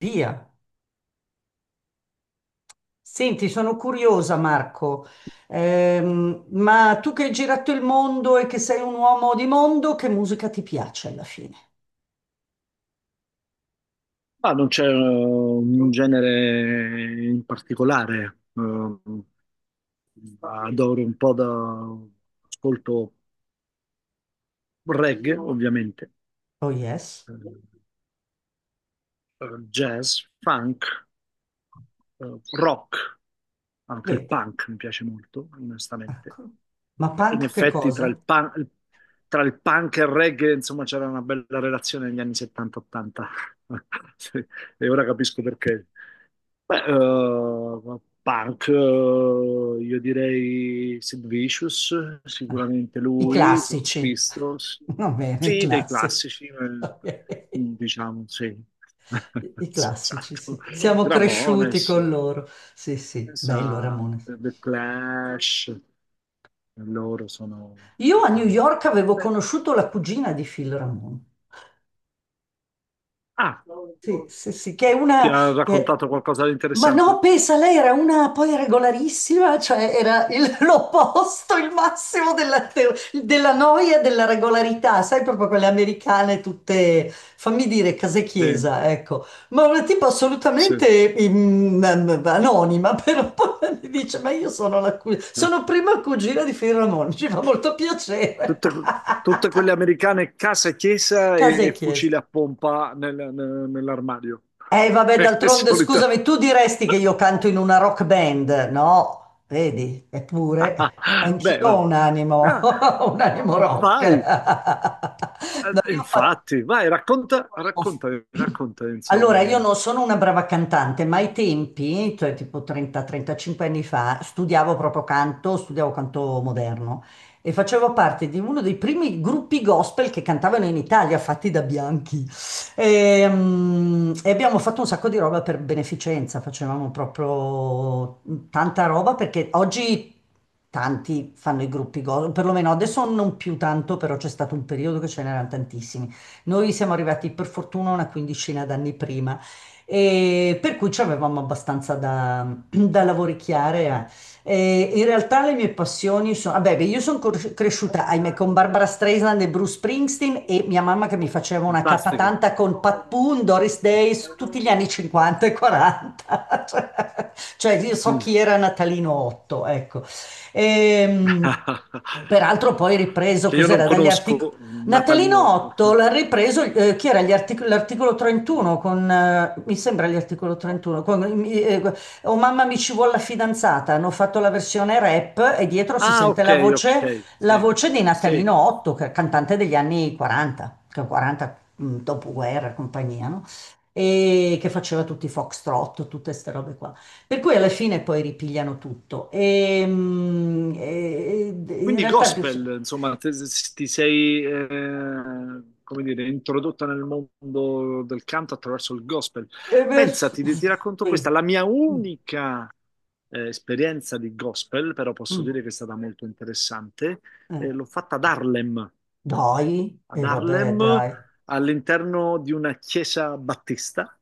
Via. Senti, sono curiosa, Marco. Ma tu che hai girato il mondo e che sei un uomo di mondo, che musica ti piace alla fine? Ma non c'è un genere in particolare, adoro un po' da ascolto reggae, ovviamente, Oh yes, eh, eh, jazz, funk, rock, anche il vedi, punk mi piace molto, onestamente. ecco. Ma Beh, in punk che effetti cosa? Tra il punk e il reggae, insomma, c'era una bella relazione negli anni 70-80 e ora capisco perché. Beh, punk, io direi Sid Vicious, sicuramente I lui, Sex classici. Pistols, Va bene, i sì, dei classici. classici, Ok. diciamo, sì. I classici, Esatto. sì. Siamo cresciuti Ramones, con loro. Sì, sì, bello pensa, Ramone. The Clash, loro sono, Io a New diciamo... York avevo eh, conosciuto la cugina di Phil Ramone. ah, Sì, sì, sì, che è ti una... ha che- raccontato qualcosa di Ma no, interessante? pensa, lei era una poi regolarissima, cioè era l'opposto, il massimo della, della noia e della regolarità, sai, proprio quelle americane tutte, fammi dire, case Sì, chiesa, ecco. Ma una tipo sì. assolutamente anonima, però poi mi dice, ma io sono la cugina, sono prima cugina di Fioramone, ci fa molto piacere. Tutte, tutte quelle americane casa e chiesa Casa e e chiesa. fucile a pompa nell'armadio. Vabbè, È d'altronde, solita. scusami, tu diresti che io canto in una rock band, no? Vedi, eppure Beh, anch'io ho vabbè. un animo, Ah, un animo rock. vai. No, io ho fatto. Infatti, vai, racconta, Oh. racconta, racconta, insomma, Allora, è io non sono una brava cantante, ma ai tempi, cioè tipo 30-35 anni fa, studiavo proprio canto, studiavo canto moderno e facevo parte di uno dei primi gruppi gospel che cantavano in Italia, fatti da bianchi. E abbiamo fatto un sacco di roba per beneficenza, facevamo proprio tanta roba perché oggi tanti fanno i gruppi gospel, perlomeno adesso non più tanto, però c'è stato un periodo che ce n'erano tantissimi. Noi siamo arrivati per fortuna una quindicina d'anni prima, e per cui ci avevamo abbastanza da, da lavoricchiare. Eh. E in realtà le mie passioni sono, vabbè, beh, io sono cresciuta, ahimè, con Barbara Streisand e Bruce Springsteen e mia mamma che mi faceva una fantastico. capatanta con Pat Boone, Doris Day, tutti gli anni 50 e 40. Cioè, cioè, io so Mm. chi era Natalino Otto, ecco. Ehm, Peraltro poi ripreso, Che io non cos'era, dagli Arctic. conosco, Natalino Natalino. Otto l'ha ripreso, chi era l'articolo 31 con, mi sembra gli articolo 31, con, oh mamma mi ci vuole la fidanzata, hanno fatto la versione rap e dietro si Ah, sente ok, ok, la sì, voce di sì. Natalino Otto, che è cantante degli anni 40, che è 40 dopoguerra e compagnia, no? E che faceva tutti i foxtrot, tutte queste robe qua. Per cui alla fine poi ripigliano tutto. E in Quindi realtà... gospel, insomma, ti sei, come dire, introdotta nel mondo del canto attraverso il gospel. E beh, Pensati, ti racconto sì. questa, la mia Mm, unica esperienza di gospel, però posso mm, dire che è stata molto interessante, eh. L'ho fatta Dai, ad e vabbè, Harlem dai, all'interno di una chiesa battista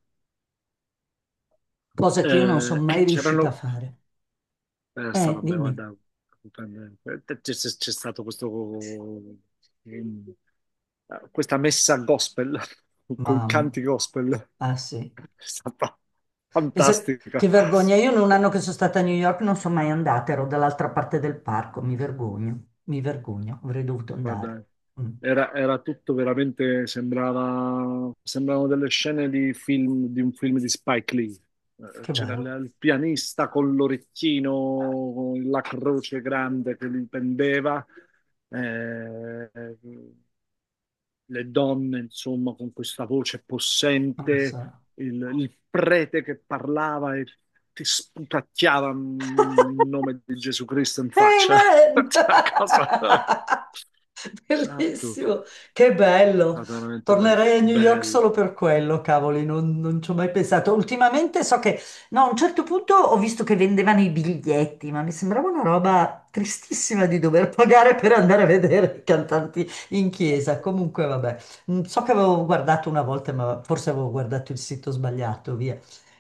cosa che io non sono mai e riuscita a c'erano. fare. Sta vabbè, Dimmi, guarda, c'è stato questo, ehm, questa messa gospel, con mamma. canti gospel, Ah sì. è stata Pensa- che fantastica. vergogna, io in un anno che sono stata a New York non sono mai andata, ero dall'altra parte del parco, mi vergogno, avrei dovuto andare. Guarda, Mm, era tutto veramente, sembravano delle scene di film, di un film di Spike Lee. Che C'era bello, il pianista con l'orecchino, con la croce grande che gli pendeva. Eh, le donne, insomma, con questa voce non lo possente, so. Il prete che parlava e ti sputacchiava il nome di Gesù Cristo in faccia. Amen! Cioè, cosa... Esatto, è Bellissimo, che bello. stato veramente bello. Tornerei a New York solo Bello. per quello, cavoli, non, non ci ho mai pensato. Ultimamente so che, no, a un certo punto ho visto che vendevano i biglietti, ma mi sembrava una roba tristissima di dover pagare per andare a vedere i cantanti in chiesa. Comunque, vabbè. So che avevo guardato una volta, ma forse avevo guardato il sito sbagliato, via.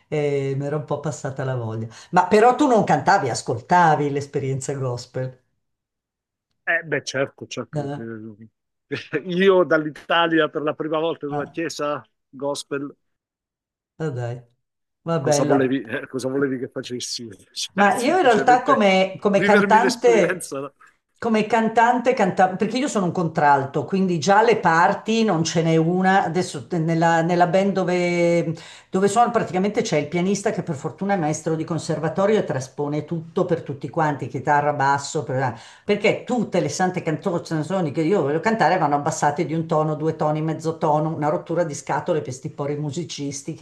E mi era un po' passata la voglia. Ma però tu non cantavi, ascoltavi l'esperienza gospel. Eh, beh, certo, certo, Eh? che... Io dall'Italia per la prima volta nella Ah. chiesa gospel, Ah, dai, va bello. Cosa volevi che facessi? Cioè, Ma io in realtà semplicemente come vivermi cantante, l'esperienza, no? come cantante, perché io sono un contralto, quindi già le parti non ce n'è una. Adesso nella band dove sono praticamente c'è il pianista che per fortuna è maestro di conservatorio e traspone tutto per tutti quanti, chitarra, basso, perché tutte le sante canzoni che io voglio cantare vanno abbassate di un tono, due toni, mezzo tono, una rottura di scatole per sti pori musicisti.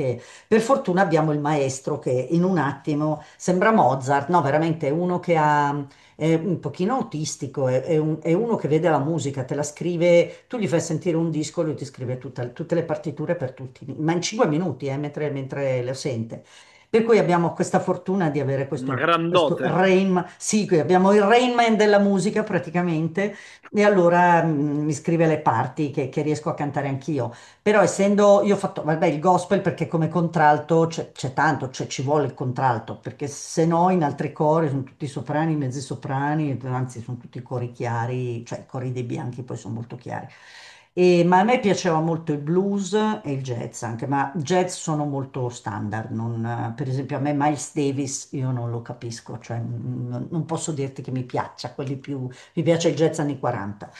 Per fortuna abbiamo il maestro che in un attimo sembra Mozart, no, veramente è uno che ha, è un pochino autistico, è è uno che vede la musica, te la scrive, tu gli fai sentire un disco, lui ti scrive tutte le partiture per tutti, ma in 5 minuti, mentre lo sente. Per cui abbiamo questa fortuna di avere Una questo, questo grandote. Rain, sì, qui abbiamo il Rainman della musica praticamente, e allora mi scrive le parti che riesco a cantare anch'io. Però essendo, io ho fatto, vabbè, il gospel perché come contralto c'è tanto, cioè ci vuole il contralto, perché se no in altri cori sono tutti soprani, mezzi soprani, anzi sono tutti cori chiari, cioè i cori dei bianchi poi sono molto chiari. Ma a me piaceva molto il blues e il jazz anche, ma jazz sono molto standard, per esempio a me Miles Davis io non lo capisco, cioè non posso dirti che mi piaccia, quelli più, mi piace il jazz anni 40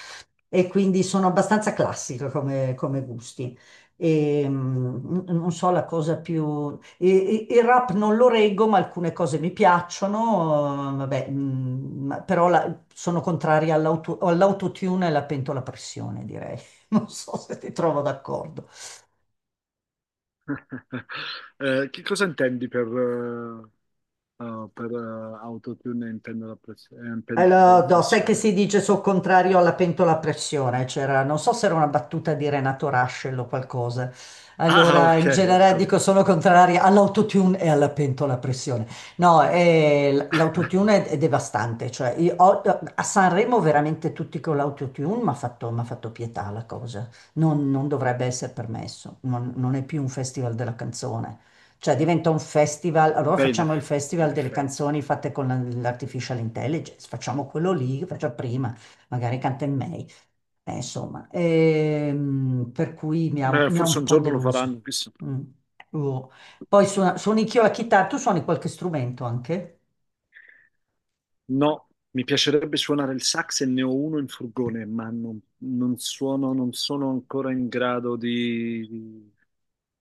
e quindi sono abbastanza classica come gusti. Non so la cosa più... Il rap non lo reggo, ma alcune cose mi piacciono, vabbè, però sono contraria all'autotune e alla pentola a pressione, direi. Non so se ti trovo d'accordo. Che cosa intendi per autotune in pentola a in pentola a Allora, no, sai che si pressione? dice sul contrario alla pentola a pressione? C'era, non so se era una battuta di Renato Rascel o qualcosa. Ah, Allora, ok, in ho generale dico capito. sono contraria all'autotune e alla pentola a pressione. No, l'autotune è devastante. Cioè, io a Sanremo veramente tutti con l'autotune mi ha fatto, m'ha fatto pietà la cosa. Non dovrebbe essere permesso. Non è più un festival della canzone. Cioè diventa un festival, allora Beh, facciamo il in festival delle effetti. canzoni fatte con l'artificial intelligence, facciamo quello lì che faccio prima, magari canta in May. Insomma, per cui mi ha, Beh, mi ha forse un un po' giorno lo faranno, deluso. chissà. Mm. Oh. Poi suoni anch'io la chitarra, tu suoni qualche strumento anche? No, mi piacerebbe suonare il sax e ne ho uno in furgone, ma non suono, non sono ancora in grado di, di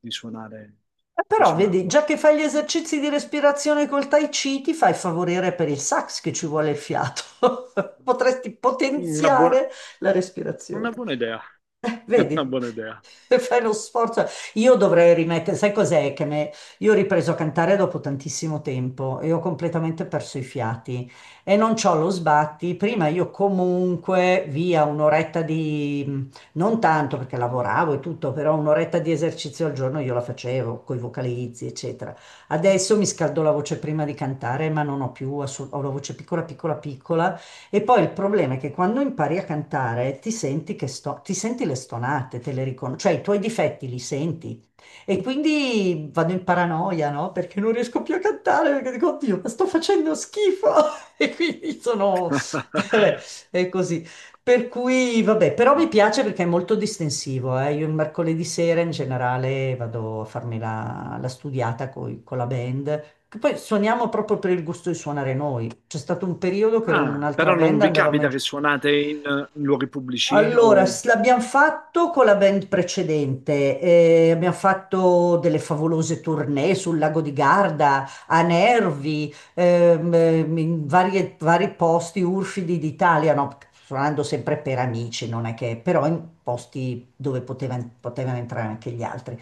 di suonare, di Però vedi, suonarlo. già che fai gli esercizi di respirazione col Tai Chi, ti fai favorire per il sax che ci vuole il fiato. Potresti Una buona, potenziare la respirazione. una buona idea, una Vedi? buona idea. Fai lo sforzo. Io dovrei rimettere, sai cos'è che me... Io ho ripreso a cantare dopo tantissimo tempo e ho completamente perso i fiati e non c'ho lo sbatti. Prima io comunque via un'oretta di, non tanto perché lavoravo e tutto, però un'oretta di esercizio al giorno io la facevo con i vocalizzi, eccetera. Adesso mi scaldo la voce prima di cantare, ma non ho più, ho la voce piccola, piccola, piccola. E poi il problema è che quando impari a cantare ti senti, che ti senti le stonate, te le riconosci, cioè i tuoi difetti li senti. E quindi vado in paranoia, no? Perché non riesco più a cantare, perché dico, oddio, ma sto facendo schifo. E quindi sono... è così. Per cui, vabbè, però mi piace perché è molto distensivo, eh. Io il mercoledì sera in generale vado a farmi la, la studiata con la band, che poi suoniamo proprio per il gusto di suonare noi. C'è stato un periodo che ero in Ah, un'altra però non band, vi andavamo capita che suonate in, in luoghi pubblici? allora, O... l'abbiamo fatto con la band precedente, abbiamo fatto delle favolose tournée sul lago di Garda, a Nervi, in vari posti urfidi d'Italia, no? Suonando sempre per amici, non è che, però in posti dove potevano entrare anche gli altri.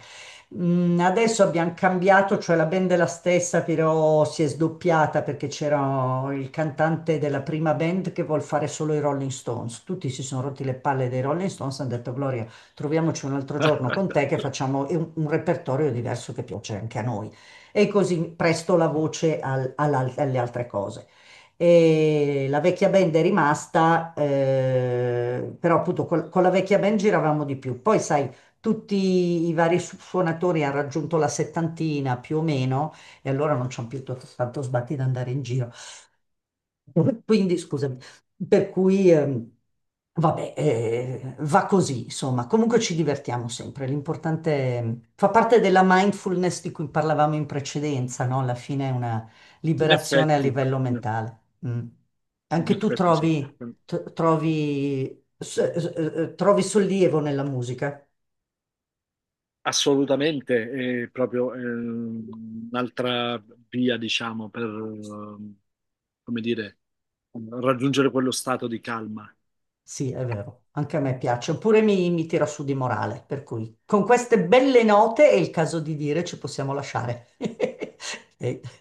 Adesso abbiamo cambiato, cioè la band è la stessa, però si è sdoppiata perché c'era il cantante della prima band che vuol fare solo i Rolling Stones. Tutti si sono rotti le palle dei Rolling Stones, hanno detto Gloria, troviamoci un altro giorno con te che facciamo un repertorio diverso che piace anche a noi. E così presto la voce alle altre cose e la vecchia band è rimasta, però appunto con la vecchia band giravamo di più. Poi sai, tutti i vari suonatori hanno raggiunto la settantina più o meno e allora non c'hanno più tanto sbatti da andare in giro. Quindi, scusami, per cui, vabbè, va così, insomma. Comunque ci divertiamo sempre. L'importante fa parte della mindfulness di cui parlavamo in precedenza, no? Alla fine è una In liberazione a effetti, livello mentale. Mm. in Anche tu effetti sì, trovi, trovi, trovi sollievo nella musica. assolutamente, è proprio un'altra via, diciamo, per, come dire, raggiungere quello stato di calma. Sì, è vero, anche a me piace, oppure mi tira su di morale, per cui con queste belle note è il caso di dire ci possiamo lasciare. E